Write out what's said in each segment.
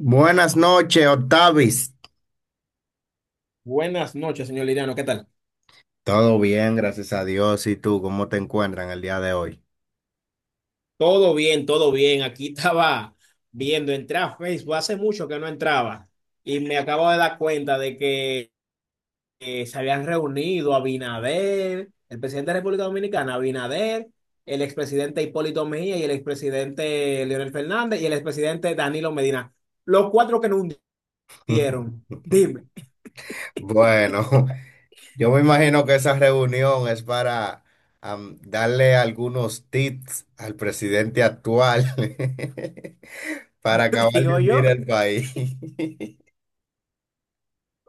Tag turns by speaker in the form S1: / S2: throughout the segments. S1: Buenas noches, Octavis.
S2: Buenas noches, señor Liriano, ¿qué tal?
S1: Todo bien, gracias a Dios. ¿Y tú cómo te encuentran el día de hoy?
S2: Todo bien, todo bien. Aquí estaba viendo, entré a Facebook, hace mucho que no entraba y me acabo de dar cuenta de que se habían reunido Abinader, el presidente de la República Dominicana, Abinader, el expresidente Hipólito Mejía y el expresidente Leonel Fernández y el expresidente Danilo Medina. Los cuatro que no hundieron. Dime,
S1: Bueno, yo me imagino que esa reunión es para darle algunos tips al presidente actual para acabar de
S2: digo
S1: hundir
S2: yo,
S1: el país.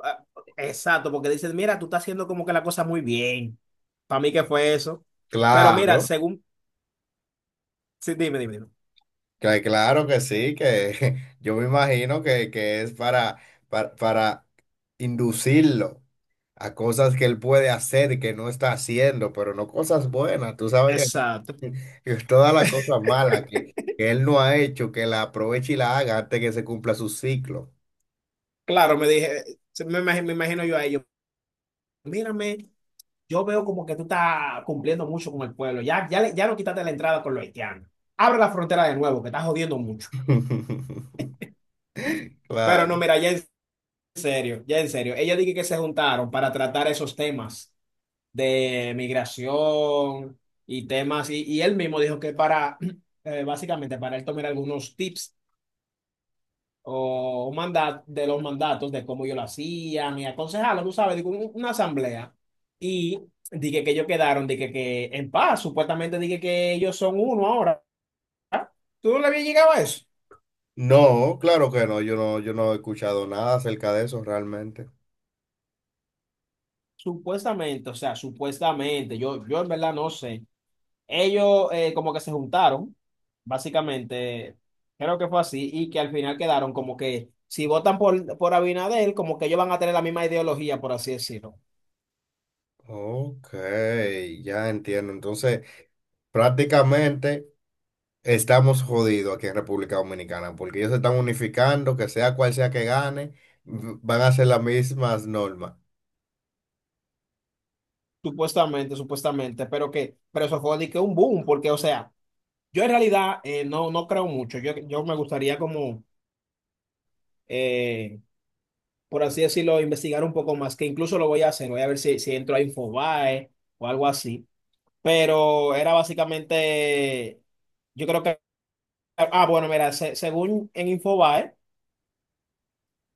S2: ah, exacto, porque dicen, mira, tú estás haciendo como que la cosa muy bien. Para mí, ¿qué fue eso? Pero
S1: Claro,
S2: mira, según. Sí, dime, dime, dime.
S1: claro que sí, que yo me imagino que es para inducirlo a cosas que él puede hacer que no está haciendo, pero no cosas buenas, tú sabes que no.
S2: Exacto.
S1: Que todas las cosas malas que él no ha hecho, que la aproveche y la haga antes que se cumpla su ciclo.
S2: Claro, me dije, me imagino yo a ellos, mírame, yo veo como que tú estás cumpliendo mucho con el pueblo, ya, ya, ya no quitaste la entrada con los haitianos, abre la frontera de nuevo, que estás jodiendo mucho. Pero
S1: Claro.
S2: no, mira, ya en serio, ella dije que se juntaron para tratar esos temas de migración y temas, y él mismo dijo que para, básicamente, para él tomar algunos tips o un mandato de los mandatos, de cómo yo lo hacía, y aconsejarlo, tú sabes, digo, una asamblea. Y dije que ellos quedaron, dije que en paz, supuestamente dije que ellos son uno ahora. ¿Tú no le habías llegado a eso?
S1: No, claro que no, yo no he escuchado nada acerca de eso realmente.
S2: Supuestamente, o sea, supuestamente, yo en verdad no sé. Ellos como que se juntaron, básicamente, creo que fue así, y que al final quedaron como que si votan por Abinader, como que ellos van a tener la misma ideología, por así decirlo.
S1: Ok, ya entiendo. Entonces, prácticamente, estamos jodidos aquí en República Dominicana porque ellos se están unificando, que sea cual sea que gane, van a ser las mismas normas.
S2: Supuestamente, supuestamente, pero que, pero eso fue de que un boom, porque, o sea, yo en realidad no, no creo mucho. Yo me gustaría como, eh, por así decirlo, investigar un poco más, que incluso lo voy a hacer, voy a ver si, si entro a Infobae o algo así. Pero era básicamente, yo creo que, bueno, mira, según en Infobae,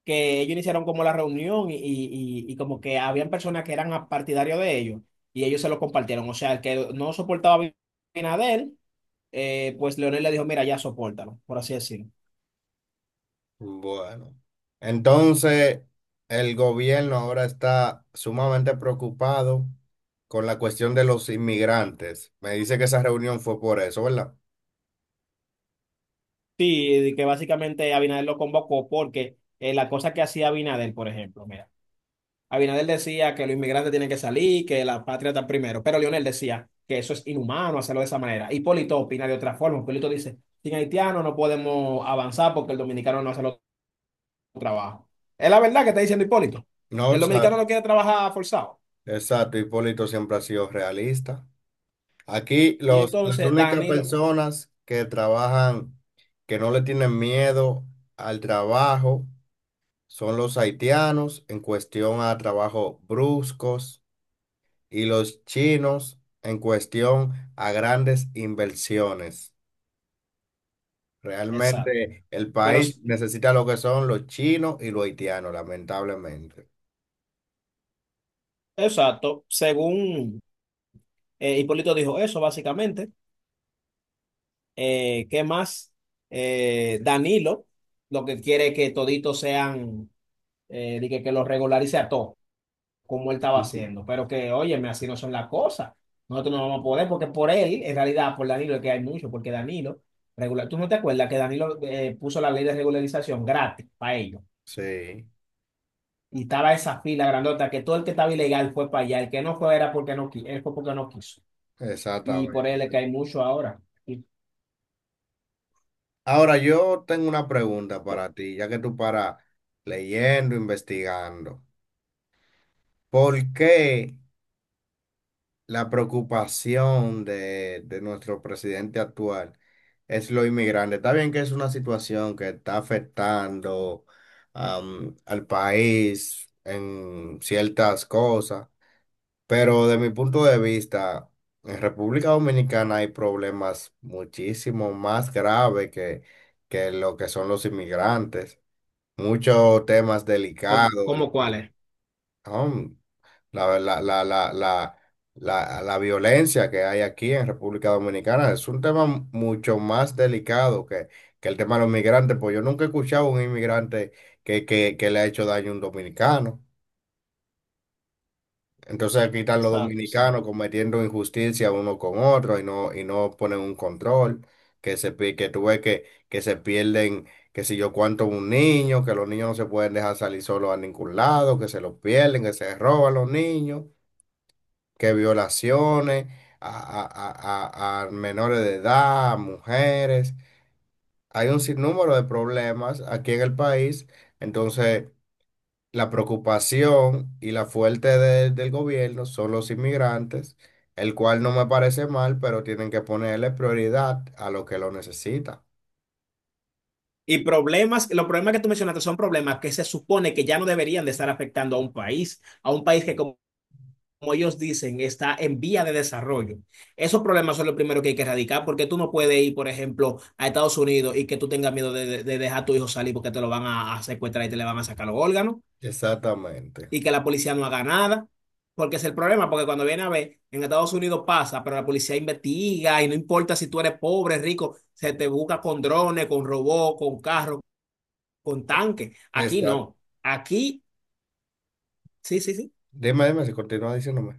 S2: que ellos iniciaron como la reunión y como que habían personas que eran partidarios de ellos y ellos se lo compartieron. O sea, el que no soportaba a Abinader pues Leonel le dijo, mira, ya sopórtalo, por así decirlo.
S1: Bueno, entonces el gobierno ahora está sumamente preocupado con la cuestión de los inmigrantes. Me dice que esa reunión fue por eso, ¿verdad?
S2: Sí, de que básicamente Abinader lo convocó porque la cosa que hacía Abinader, por ejemplo, mira, Abinader decía que los inmigrantes tienen que salir, que la patria está primero, pero Leonel decía que eso es inhumano hacerlo de esa manera. Hipólito opina de otra forma. Hipólito dice, sin haitiano no podemos avanzar porque el dominicano no hace los trabajo. Es la verdad que está diciendo Hipólito.
S1: No, o
S2: El
S1: sea,
S2: dominicano no quiere trabajar forzado.
S1: exacto, Hipólito siempre ha sido realista. Aquí
S2: Y
S1: los, las
S2: entonces
S1: únicas
S2: Danilo,
S1: personas que trabajan, que no le tienen miedo al trabajo, son los haitianos en cuestión a trabajos bruscos y los chinos en cuestión a grandes inversiones.
S2: exacto.
S1: Realmente el
S2: Pero,
S1: país necesita lo que son los chinos y los haitianos, lamentablemente.
S2: exacto, según... Hipólito dijo eso, básicamente. ¿Qué más? Danilo, lo que quiere que toditos sean, de que lo regularice a todos, como él estaba haciendo. Pero que, óyeme, así no son las cosas. Nosotros no vamos a poder, porque por él, en realidad, por Danilo es que hay mucho, porque Danilo, regular, ¿tú no te acuerdas que Danilo puso la ley de regularización gratis para ellos?
S1: Sí,
S2: Y estaba esa fila grandota, que todo el que estaba ilegal fue para allá, el que no fue era porque no quiso, fue porque no quiso. Y por él es que
S1: exactamente.
S2: hay mucho ahora. ¿Y
S1: Ahora yo tengo una pregunta para ti, ya que tú paras leyendo, investigando. ¿Por qué la preocupación de nuestro presidente actual es lo inmigrante? Está bien que es una situación que está afectando al país en ciertas cosas, pero de mi punto de vista, en República Dominicana hay problemas muchísimo más graves que lo que son los inmigrantes. Muchos temas
S2: cómo,
S1: delicados,
S2: cómo cuál es?
S1: um, la, la, la, la, la, la violencia que hay aquí en República Dominicana. Es un tema mucho más delicado que el tema de los migrantes, pues yo nunca he escuchado a un inmigrante que le ha hecho daño a un dominicano. Entonces aquí están los
S2: Exacto,
S1: dominicanos
S2: exacto.
S1: cometiendo injusticia uno con otro y no ponen un control, que se, que tú ves que se pierden, que si yo cuánto un niño, que los niños no se pueden dejar salir solos a ningún lado, que se los pierden, que se roban los niños, que violaciones a, a menores de edad, a mujeres. Hay un sinnúmero de problemas aquí en el país. Entonces, la preocupación y la fuerte del gobierno son los inmigrantes, el cual no me parece mal, pero tienen que ponerle prioridad a lo que lo necesita.
S2: Y problemas, los problemas que tú mencionaste son problemas que se supone que ya no deberían de estar afectando a un país que como, como ellos dicen está en vía de desarrollo. Esos problemas son los primeros que hay que erradicar porque tú no puedes ir, por ejemplo, a Estados Unidos y que tú tengas miedo de, de dejar a tu hijo salir porque te lo van a secuestrar y te le van a sacar los órganos.
S1: Exactamente.
S2: Y que la policía no haga nada, porque es el problema, porque cuando viene a ver, en Estados Unidos pasa, pero la policía investiga y no importa si tú eres pobre, rico, se te busca con drones, con robots, con carros, con tanques. Aquí
S1: Exacto.
S2: no. Aquí, sí, sí, sí.
S1: Dime, dime si continúa diciéndome.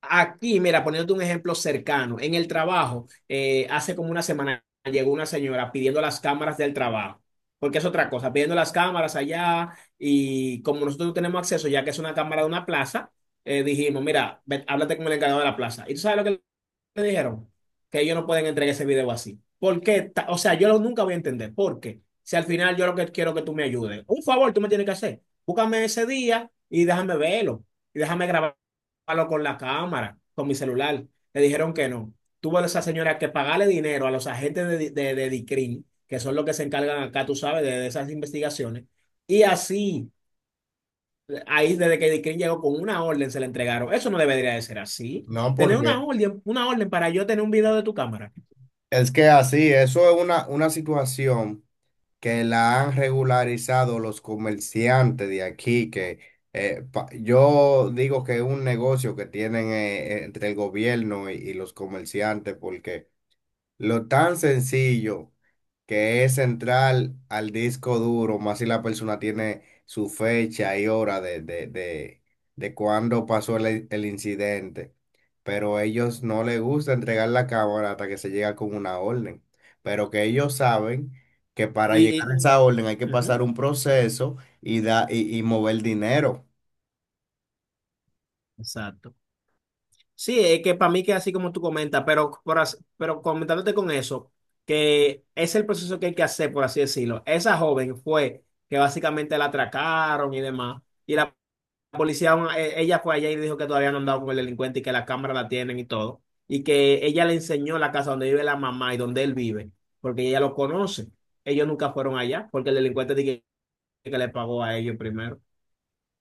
S2: Aquí, mira, poniéndote un ejemplo cercano, en el trabajo, hace como una semana llegó una señora pidiendo las cámaras del trabajo, porque es otra cosa, pidiendo las cámaras allá y como nosotros no tenemos acceso, ya que es una cámara de una plaza, dijimos, mira, ven, háblate con el encargado de la plaza. ¿Y tú sabes lo que me dijeron? Que ellos no pueden entregar ese video así. ¿Por qué? O sea, nunca voy a entender. ¿Por qué? Si al final yo lo que quiero que tú me ayudes. Un favor, tú me tienes que hacer. Búscame ese día y déjame verlo. Y déjame grabarlo con la cámara, con mi celular. Le dijeron que no. Tuvo esa señora que pagarle dinero a los agentes de DICRIM, que son los que se encargan acá, tú sabes, de esas investigaciones. Y así. Ahí desde que Dick Green llegó con una orden se la entregaron. Eso no debería de ser así.
S1: No,
S2: Tener
S1: porque
S2: una orden para yo tener un video de tu cámara.
S1: es que así, eso es una situación que la han regularizado los comerciantes de aquí, que yo digo que es un negocio que tienen, entre el gobierno y los comerciantes, porque lo tan sencillo que es entrar al disco duro, más si la persona tiene su fecha y hora de cuándo pasó el incidente. Pero ellos no les gusta entregar la cámara hasta que se llega con una orden. Pero que ellos saben que para
S2: Y,
S1: llegar a
S2: y-
S1: esa orden hay que
S2: Ujú.
S1: pasar un proceso y, da, y mover dinero.
S2: Exacto. Sí, es que para mí que así como tú comentas, pero, pero comentándote con eso, que es el proceso que hay que hacer, por así decirlo. Esa joven fue que básicamente la atracaron y demás, y la policía, ella fue allá y dijo que todavía no han dado con el delincuente y que la cámara la tienen y todo. Y que ella le enseñó la casa donde vive la mamá y donde él vive, porque ella lo conoce. Ellos nunca fueron allá, porque el delincuente dije que le pagó a ellos primero.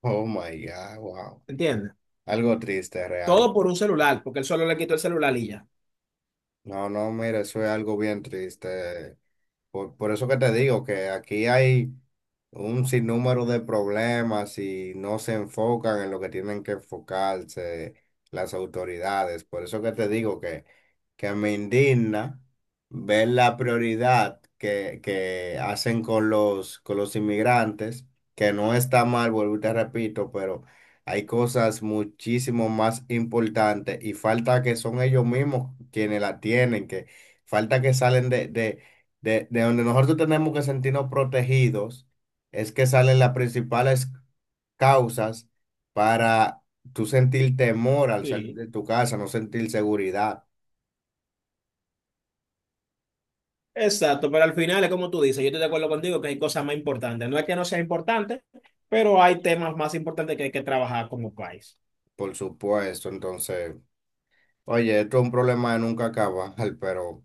S1: Oh my God, wow.
S2: ¿Entiendes?
S1: Algo triste
S2: Todo
S1: realmente.
S2: por un celular, porque él solo le quitó el celular y ya.
S1: No, no, mira, eso es algo bien triste. Por eso que te digo que aquí hay un sinnúmero de problemas y no se enfocan en lo que tienen que enfocarse las autoridades. Por eso que te digo que me indigna ver la prioridad que hacen con los inmigrantes, que no está mal, vuelvo y te repito, pero hay cosas muchísimo más importantes y falta que son ellos mismos quienes la tienen, que falta que salen de, de donde nosotros tenemos que sentirnos protegidos, es que salen las principales causas para tú sentir temor al salir
S2: Sí.
S1: de tu casa, no sentir seguridad,
S2: Exacto, pero al final es como tú dices, yo estoy de acuerdo contigo que hay cosas más importantes. No es que no sea importante, pero hay temas más importantes que hay que trabajar como país.
S1: por supuesto. Entonces, oye, esto es un problema de nunca acabar, pero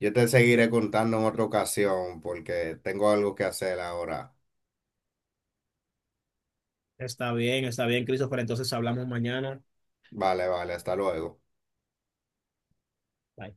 S1: yo te seguiré contando en otra ocasión porque tengo algo que hacer ahora.
S2: Está bien, Christopher. Entonces hablamos mañana.
S1: Vale, vale, hasta luego.
S2: Bye.